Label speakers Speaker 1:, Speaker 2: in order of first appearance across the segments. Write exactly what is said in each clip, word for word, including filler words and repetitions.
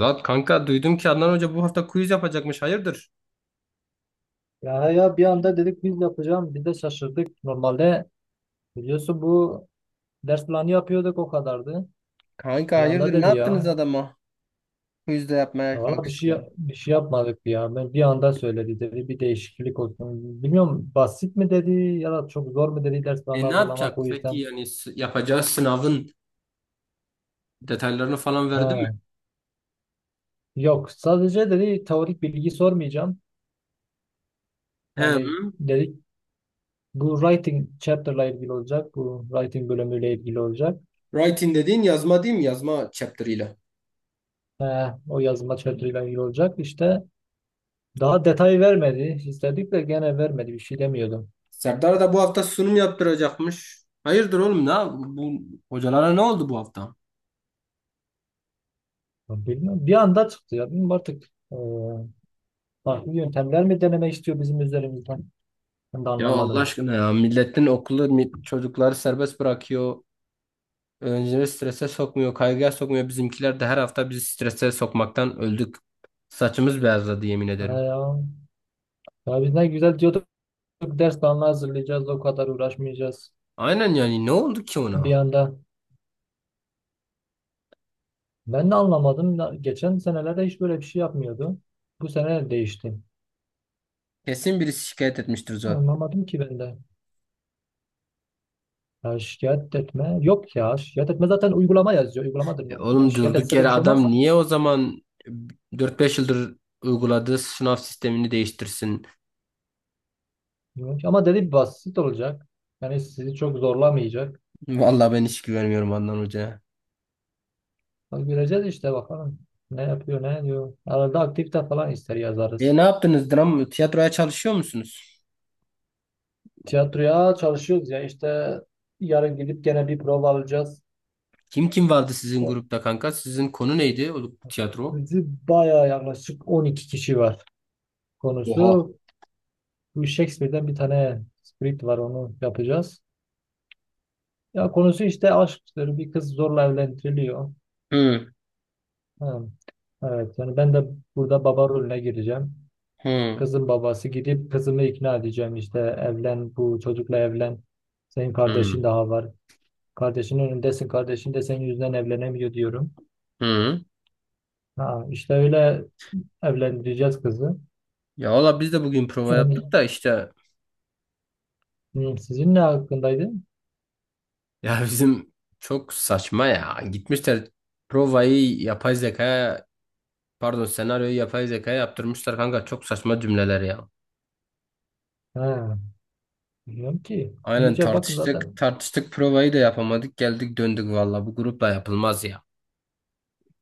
Speaker 1: Lan kanka duydum ki Adnan Hoca bu hafta quiz yapacakmış. Hayırdır?
Speaker 2: Ya ya bir anda dedik biz yapacağım. Biz de şaşırdık. Normalde biliyorsun bu ders planı yapıyorduk o kadardı.
Speaker 1: Kanka
Speaker 2: Bir
Speaker 1: hayırdır
Speaker 2: anda
Speaker 1: ne
Speaker 2: dedi
Speaker 1: yaptınız
Speaker 2: ya.
Speaker 1: adama? Quiz de yapmaya
Speaker 2: Valla bir şey
Speaker 1: kalkıştı.
Speaker 2: bir şey yapmadık ya. Ben bir anda söyledi dedi. Bir değişiklik olsun. Bilmiyorum basit mi dedi ya da çok zor mu dedi ders planı
Speaker 1: E ne
Speaker 2: hazırlamak
Speaker 1: yapacak?
Speaker 2: o
Speaker 1: Peki
Speaker 2: yüzden.
Speaker 1: yani s- yapacağı sınavın detaylarını falan verdi mi?
Speaker 2: Ha. Yok sadece dedi teorik bilgi sormayacağım. Yani
Speaker 1: Hem
Speaker 2: dedik bu writing chapter'la ilgili olacak. Bu writing bölümüyle ilgili olacak.
Speaker 1: writing dediğin yazma değil mi? Yazma chapter'ıyla.
Speaker 2: Ha, o yazma chapter'la ilgili olacak. İşte daha detay vermedi. İstedik de gene vermedi. Bir şey demiyordum.
Speaker 1: Serdar da bu hafta sunum yaptıracakmış. Hayırdır oğlum ne? yap- Bu hocalara ne oldu bu hafta?
Speaker 2: Ya bilmiyorum. Bir anda çıktı ya. Bilmiyorum artık e, farklı yöntemler mi deneme istiyor bizim üzerimizden? Ben de
Speaker 1: Ya Allah
Speaker 2: anlamadım.
Speaker 1: aşkına ya milletin okulu mi- çocukları serbest bırakıyor. Öğrencileri strese sokmuyor, kaygıya sokmuyor. Bizimkiler de her hafta bizi strese sokmaktan öldük. Saçımız beyazladı yemin
Speaker 2: Ya,
Speaker 1: ederim.
Speaker 2: ya. Ya biz ne güzel diyorduk. Ders planı hazırlayacağız. O kadar uğraşmayacağız.
Speaker 1: Aynen yani ne oldu ki
Speaker 2: Bir
Speaker 1: ona?
Speaker 2: anda. Ben de anlamadım. Na- Geçen senelerde hiç böyle bir şey yapmıyordu. Bu sene değişti.
Speaker 1: Kesin birisi şikayet etmiştir zaten.
Speaker 2: Anlamadım ki ben de. Ya şikayet etme. Yok ya. Şikayet etme zaten uygulama yazıyor. Uygulamadır.
Speaker 1: E
Speaker 2: O. Yani
Speaker 1: oğlum
Speaker 2: şikayet
Speaker 1: durduk
Speaker 2: etse de
Speaker 1: yere
Speaker 2: bir şey olmaz
Speaker 1: adam
Speaker 2: ki.
Speaker 1: niye o zaman dört beş yıldır uyguladığı sınav sistemini değiştirsin?
Speaker 2: Evet, ama dedi basit olacak. Yani sizi çok zorlamayacak.
Speaker 1: Vallahi ben hiç güvenmiyorum Adnan Hoca'ya.
Speaker 2: Bak göreceğiz işte bakalım. Ne yapıyor ne diyor. Arada aktivite falan ister
Speaker 1: E
Speaker 2: yazarız.
Speaker 1: ne yaptınız? Dram, tiyatroya çalışıyor musunuz?
Speaker 2: Tiyatroya çalışıyoruz ya işte yarın gidip gene bir prova alacağız.
Speaker 1: Kim kim vardı sizin grupta kanka? Sizin konu neydi o tiyatro?
Speaker 2: Bizi bayağı yaklaşık on iki kişi var.
Speaker 1: Oha.
Speaker 2: Konusu bu Shakespeare'den bir tane script var onu yapacağız. Ya konusu işte aşktır. Bir kız zorla evlendiriliyor.
Speaker 1: Hı,
Speaker 2: Ha, evet yani ben de burada baba rolüne gireceğim.
Speaker 1: hı,
Speaker 2: Kızın babası gidip kızımı ikna edeceğim işte evlen bu çocukla evlen. Senin
Speaker 1: hı,
Speaker 2: kardeşin daha var. Kardeşinin önündesin. Kardeşin de senin yüzünden evlenemiyor diyorum.
Speaker 1: hı.
Speaker 2: Ha, işte öyle evlendireceğiz kızı.
Speaker 1: Ya valla biz de bugün prova yaptık
Speaker 2: Yani
Speaker 1: da işte
Speaker 2: hı, sizin ne hakkındaydı?
Speaker 1: ya bizim çok saçma ya. Gitmişler provayı yapay zekaya pardon senaryoyu yapay zekaya yaptırmışlar kanka çok saçma cümleler ya.
Speaker 2: Ha, bilmiyorum ki. Bir
Speaker 1: Aynen
Speaker 2: iyice bakın
Speaker 1: tartıştık
Speaker 2: zaten.
Speaker 1: tartıştık provayı da yapamadık geldik döndük valla bu grupla yapılmaz ya.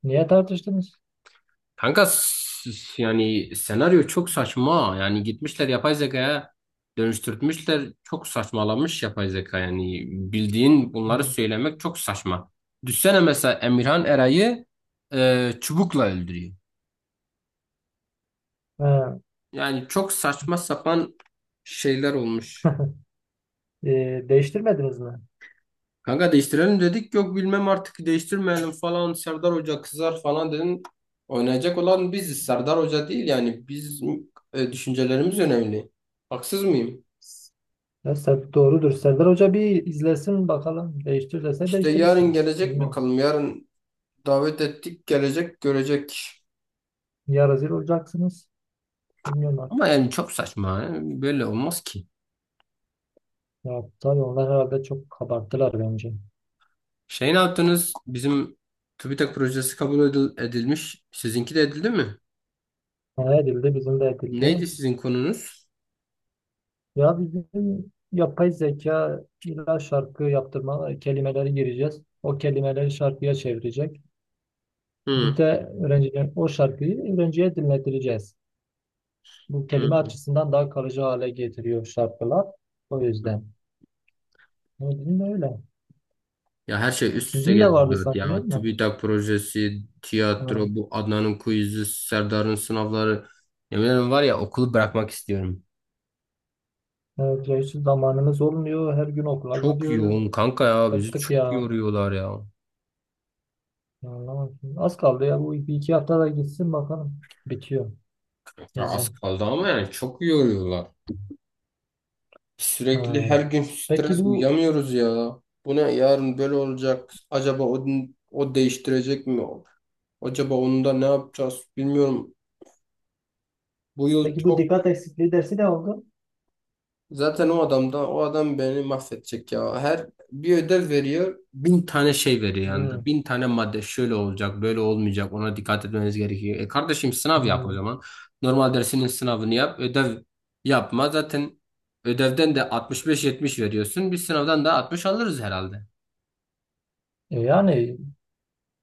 Speaker 2: Niye tartıştınız?
Speaker 1: Kanka s- s- yani senaryo çok saçma. Yani gitmişler yapay zekaya dönüştürtmüşler. Çok saçmalamış yapay zeka. Yani bildiğin bunları
Speaker 2: Hı.
Speaker 1: söylemek çok saçma. Düşsene mesela Emirhan Eray'ı e, çubukla öldürüyor.
Speaker 2: Ha.
Speaker 1: Yani çok saçma sapan şeyler olmuş.
Speaker 2: E, değiştirmediniz mi?
Speaker 1: Kanka değiştirelim dedik. Yok bilmem artık değiştirmeyelim falan. Serdar Hoca kızar falan dedin. Oynayacak olan biziz. Serdar Hoca değil yani. Biz e, düşüncelerimiz önemli. Haksız mıyım?
Speaker 2: Ya Ser- doğrudur. Serdar Hoca bir izlesin bakalım. Değiştir dese
Speaker 1: İşte yarın
Speaker 2: değiştirirsiniz.
Speaker 1: gelecek
Speaker 2: Bilmiyorum.
Speaker 1: bakalım. Yarın davet ettik gelecek görecek.
Speaker 2: Ya rezil olacaksınız. Bilmiyorum
Speaker 1: Ama
Speaker 2: artık.
Speaker 1: yani çok saçma. Yani böyle olmaz ki.
Speaker 2: Ya tabii onlar herhalde çok kabarttılar bence.
Speaker 1: Şey ne yaptınız? Bizim TÜBİTAK projesi kabul edil- edilmiş. Sizinki de edildi mi?
Speaker 2: Ne edildi, bizim de edildi.
Speaker 1: Neydi sizin konunuz?
Speaker 2: Ya bizim yapay zeka illa şarkı yaptırma kelimeleri gireceğiz. O kelimeleri şarkıya çevirecek. Biz
Speaker 1: Hı,
Speaker 2: de öğrenciler o şarkıyı öğrenciye dinletireceğiz. Bu kelime
Speaker 1: hı.
Speaker 2: açısından daha kalıcı hale getiriyor şarkılar. O yüzden. O yüzden de öyle.
Speaker 1: Ya her şey üst üste
Speaker 2: Sizin
Speaker 1: geldi
Speaker 2: de vardı
Speaker 1: zaten
Speaker 2: sanki değil
Speaker 1: ya.
Speaker 2: mi?
Speaker 1: TÜBİTAK projesi, tiyatro,
Speaker 2: Ha.
Speaker 1: bu Adnan'ın quiz'i, Serdar'ın sınavları. Yemin ederim var ya okulu bırakmak istiyorum.
Speaker 2: Evet, ya hiç zamanımız olmuyor. Her gün okula
Speaker 1: Çok
Speaker 2: gidiyoruz.
Speaker 1: yoğun kanka ya bizi
Speaker 2: Bıktık
Speaker 1: çok
Speaker 2: ya.
Speaker 1: yoruyorlar ya.
Speaker 2: Anlamadım. Az kaldı ya. Bu bir iki hafta da gitsin bakalım. Bitiyor
Speaker 1: Ya az
Speaker 2: bizim.
Speaker 1: kaldı ama yani çok yoruyorlar. Sürekli
Speaker 2: Ha.
Speaker 1: her gün
Speaker 2: Peki
Speaker 1: stres
Speaker 2: bu
Speaker 1: uyuyamıyoruz ya. Bu ne yarın böyle olacak. Acaba o, o değiştirecek mi? Acaba onu da ne yapacağız bilmiyorum. Bu yıl
Speaker 2: Peki bu
Speaker 1: çok
Speaker 2: dikkat eksikliği dersi ne oldu?
Speaker 1: zaten o adam da o adam beni mahvedecek ya. Her bir ödev veriyor. Bin tane şey veriyor
Speaker 2: Hmm,
Speaker 1: yanında. Bin tane madde şöyle olacak böyle olmayacak ona dikkat etmeniz gerekiyor. E kardeşim sınav yap o
Speaker 2: hmm.
Speaker 1: zaman. Normal dersinin sınavını yap ödev yapma. Zaten ödevden de altmış beş yetmiş veriyorsun. Biz sınavdan da altmış alırız herhalde.
Speaker 2: E yani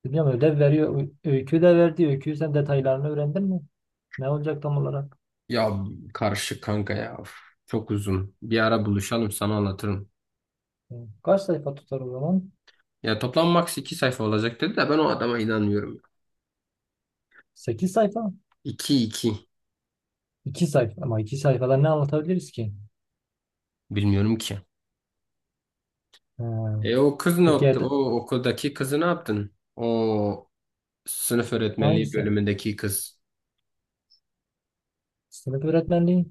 Speaker 2: bilmiyorum ödev veriyor. Ö- Öykü de verdi. Öykü sen detaylarını öğrendin mi? Ne olacak tam olarak?
Speaker 1: Ya karışık kanka ya. Of, çok uzun. Bir ara buluşalım sana anlatırım.
Speaker 2: Hmm. Kaç sayfa tutar o zaman?
Speaker 1: Ya toplam max iki sayfa olacak dedi de ben o adama inanmıyorum.
Speaker 2: Sekiz sayfa.
Speaker 1: İki iki
Speaker 2: iki sayfa. Ama iki sayfada ne anlatabiliriz ki?
Speaker 1: bilmiyorum ki.
Speaker 2: Ha.
Speaker 1: E o kız ne
Speaker 2: Peki
Speaker 1: yaptı? O
Speaker 2: ed-
Speaker 1: okuldaki kızı ne yaptın? O sınıf öğretmenliği
Speaker 2: hangisi?
Speaker 1: bölümündeki kız.
Speaker 2: Sınıf öğretmenliği?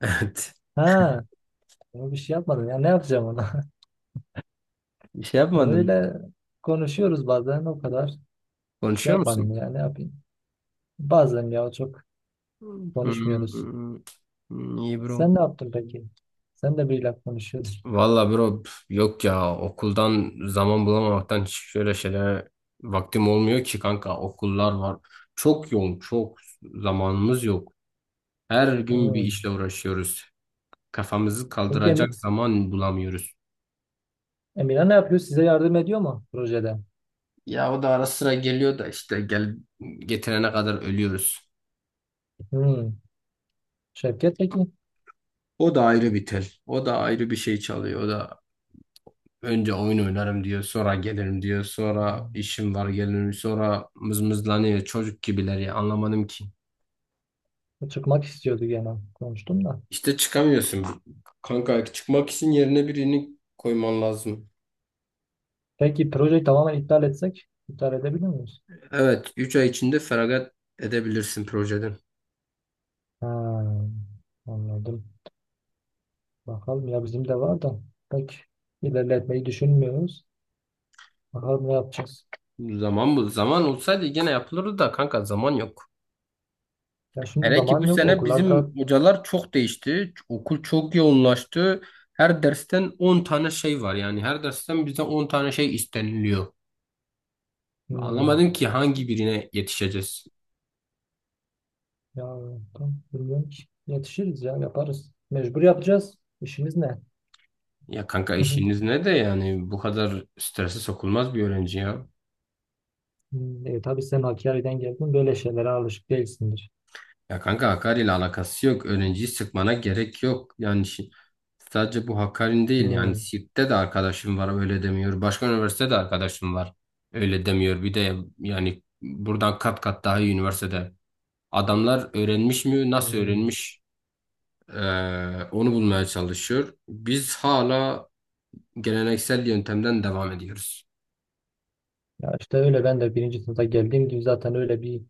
Speaker 1: Evet.
Speaker 2: Ha. Onu bir şey yapmadım. Ya ne yapacağım onu?
Speaker 1: Bir şey yapmadın.
Speaker 2: Öyle konuşuyoruz bazen o kadar. Bir şey
Speaker 1: Konuşuyor
Speaker 2: yapmadım
Speaker 1: musun?
Speaker 2: ya ne yapayım. Bazen ya çok konuşmuyoruz.
Speaker 1: Hmm, hmm, iyi bro.
Speaker 2: Sen ne yaptın peki? Sen de biriyle konuşuyordun.
Speaker 1: Valla bro pf, yok ya okuldan zaman bulamamaktan hiç şöyle şeylere vaktim olmuyor ki kanka okullar var. Çok yoğun çok zamanımız yok. Her gün bir
Speaker 2: Hmm.
Speaker 1: işle uğraşıyoruz. Kafamızı
Speaker 2: Peki
Speaker 1: kaldıracak
Speaker 2: Emi-
Speaker 1: zaman bulamıyoruz.
Speaker 2: Emine ne yapıyor? Size yardım ediyor mu projede?
Speaker 1: Ya o da ara sıra geliyor da işte gel getirene kadar ölüyoruz.
Speaker 2: Hmm. Şevket peki?
Speaker 1: O da ayrı bir tel. O da ayrı bir şey çalıyor. O da önce oyun oynarım diyor, sonra gelirim diyor, sonra işim var gelirim, sonra mızmızlanıyor. Çocuk gibiler ya anlamadım ki.
Speaker 2: O çıkmak istiyordu gene. Konuştum da.
Speaker 1: İşte çıkamıyorsun. Kanka çıkmak için yerine birini koyman lazım.
Speaker 2: Peki projeyi tamamen iptal etsek? İptal edebilir miyiz?
Speaker 1: Evet, üç ay içinde feragat edebilirsin projeden.
Speaker 2: Ha, anladım. Bakalım ya bizim de var da. Peki ilerletmeyi düşünmüyoruz. Bakalım ne yapacağız?
Speaker 1: Zaman bu. Zaman olsaydı gene yapılırdı da kanka zaman yok.
Speaker 2: Ya şimdi
Speaker 1: Hele ki bu
Speaker 2: zaman yok.
Speaker 1: sene bizim
Speaker 2: Okullarda.
Speaker 1: hocalar çok değişti. Okul çok yoğunlaştı. Her dersten on tane şey var. Yani her dersten bizden on tane şey isteniliyor. Anlamadım
Speaker 2: Hmm.
Speaker 1: ki hangi birine yetişeceğiz.
Speaker 2: Ya tam bilmiyorum ki. Yetişiriz ya yaparız. Mecbur yapacağız. İşimiz ne?
Speaker 1: Ya kanka işiniz ne de yani bu kadar strese sokulmaz bir öğrenci ya.
Speaker 2: Hmm. E, tabii sen Hakkari'den geldin. Böyle şeylere alışık değilsindir.
Speaker 1: Ya kanka Hakkari ile alakası yok. Öğrenciyi sıkmana gerek yok. Yani şi- sadece bu Hakkari'nin değil. Yani
Speaker 2: Hmm.
Speaker 1: Siirt'te de arkadaşım var öyle demiyor. Başka üniversitede de arkadaşım var öyle demiyor. Bir de yani buradan kat kat daha iyi üniversitede. Adamlar öğrenmiş mi nasıl
Speaker 2: Hmm.
Speaker 1: öğrenmiş eee, onu bulmaya çalışıyor. Biz hala geleneksel yöntemden devam ediyoruz.
Speaker 2: Ya işte öyle ben de birinci sınıfta geldiğim gibi zaten öyle bir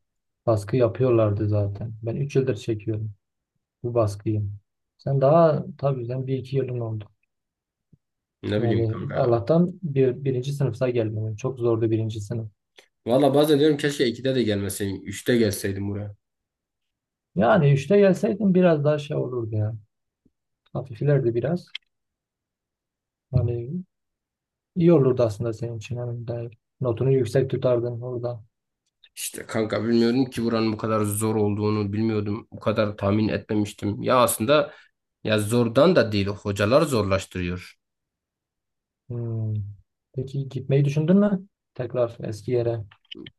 Speaker 2: baskı yapıyorlardı zaten. Ben üç yıldır çekiyorum bu baskıyı. Sen daha tabii sen bir iki yılın oldu.
Speaker 1: Ne bileyim
Speaker 2: Yani
Speaker 1: kanka ya.
Speaker 2: Allah'tan bir, birinci sınıfta gelmedin. Çok zordu birinci sınıf.
Speaker 1: Valla bazen diyorum keşke ikide de gelmeseydim. Üçte gelseydim buraya.
Speaker 2: Yani işte gelseydin biraz daha şey olurdu ya. Hafiflerdi biraz. Hani İyi olurdu aslında senin için. Hani de notunu yüksek tutardın orada.
Speaker 1: İşte kanka bilmiyorum ki buranın bu kadar zor olduğunu bilmiyordum. Bu kadar tahmin etmemiştim. Ya aslında ya zordan da değil hocalar zorlaştırıyor.
Speaker 2: Hmm. Peki gitmeyi düşündün mü? Tekrar eski yere.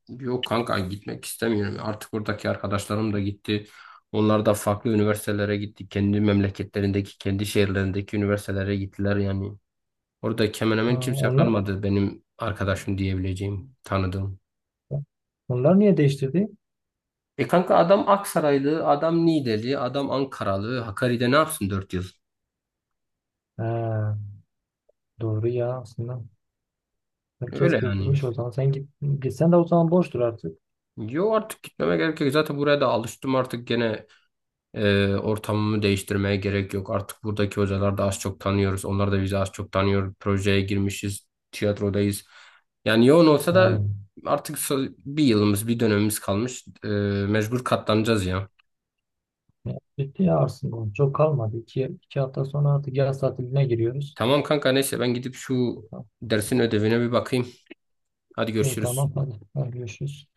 Speaker 1: Yok kanka gitmek istemiyorum. Artık buradaki arkadaşlarım da gitti. Onlar da farklı üniversitelere gitti. Kendi memleketlerindeki, kendi şehirlerindeki üniversitelere gittiler yani. Orada hemen
Speaker 2: Ha,
Speaker 1: hemen kimse
Speaker 2: onlar,
Speaker 1: kalmadı benim arkadaşım diyebileceğim, tanıdığım.
Speaker 2: onlar niye değiştirdi?
Speaker 1: E kanka adam Aksaraylı, adam Niğdeli, adam Ankaralı. Hakkari'de ne yapsın dört yıl?
Speaker 2: Ha, doğru ya aslında. Herkes
Speaker 1: Öyle yani.
Speaker 2: gitmiş o zaman. Sen git, gitsen de o zaman boştur artık.
Speaker 1: Yo artık gitmeme gerek yok. Zaten buraya da alıştım artık gene e, ortamımı değiştirmeye gerek yok. Artık buradaki hocalar da az çok tanıyoruz. Onlar da bizi az çok tanıyor. Projeye girmişiz. Tiyatrodayız. Yani yoğun olsa da
Speaker 2: Ha.
Speaker 1: artık so- bir yılımız bir dönemimiz kalmış. E, mecbur katlanacağız ya.
Speaker 2: Ya, bitti ya aslında. Çok kalmadı. İki, iki hafta sonra artık yaz tatiline giriyoruz.
Speaker 1: Tamam kanka neyse ben gidip şu dersin ödevine bir bakayım. Hadi
Speaker 2: Evet,
Speaker 1: görüşürüz.
Speaker 2: tamam hadi. Hadi görüşürüz.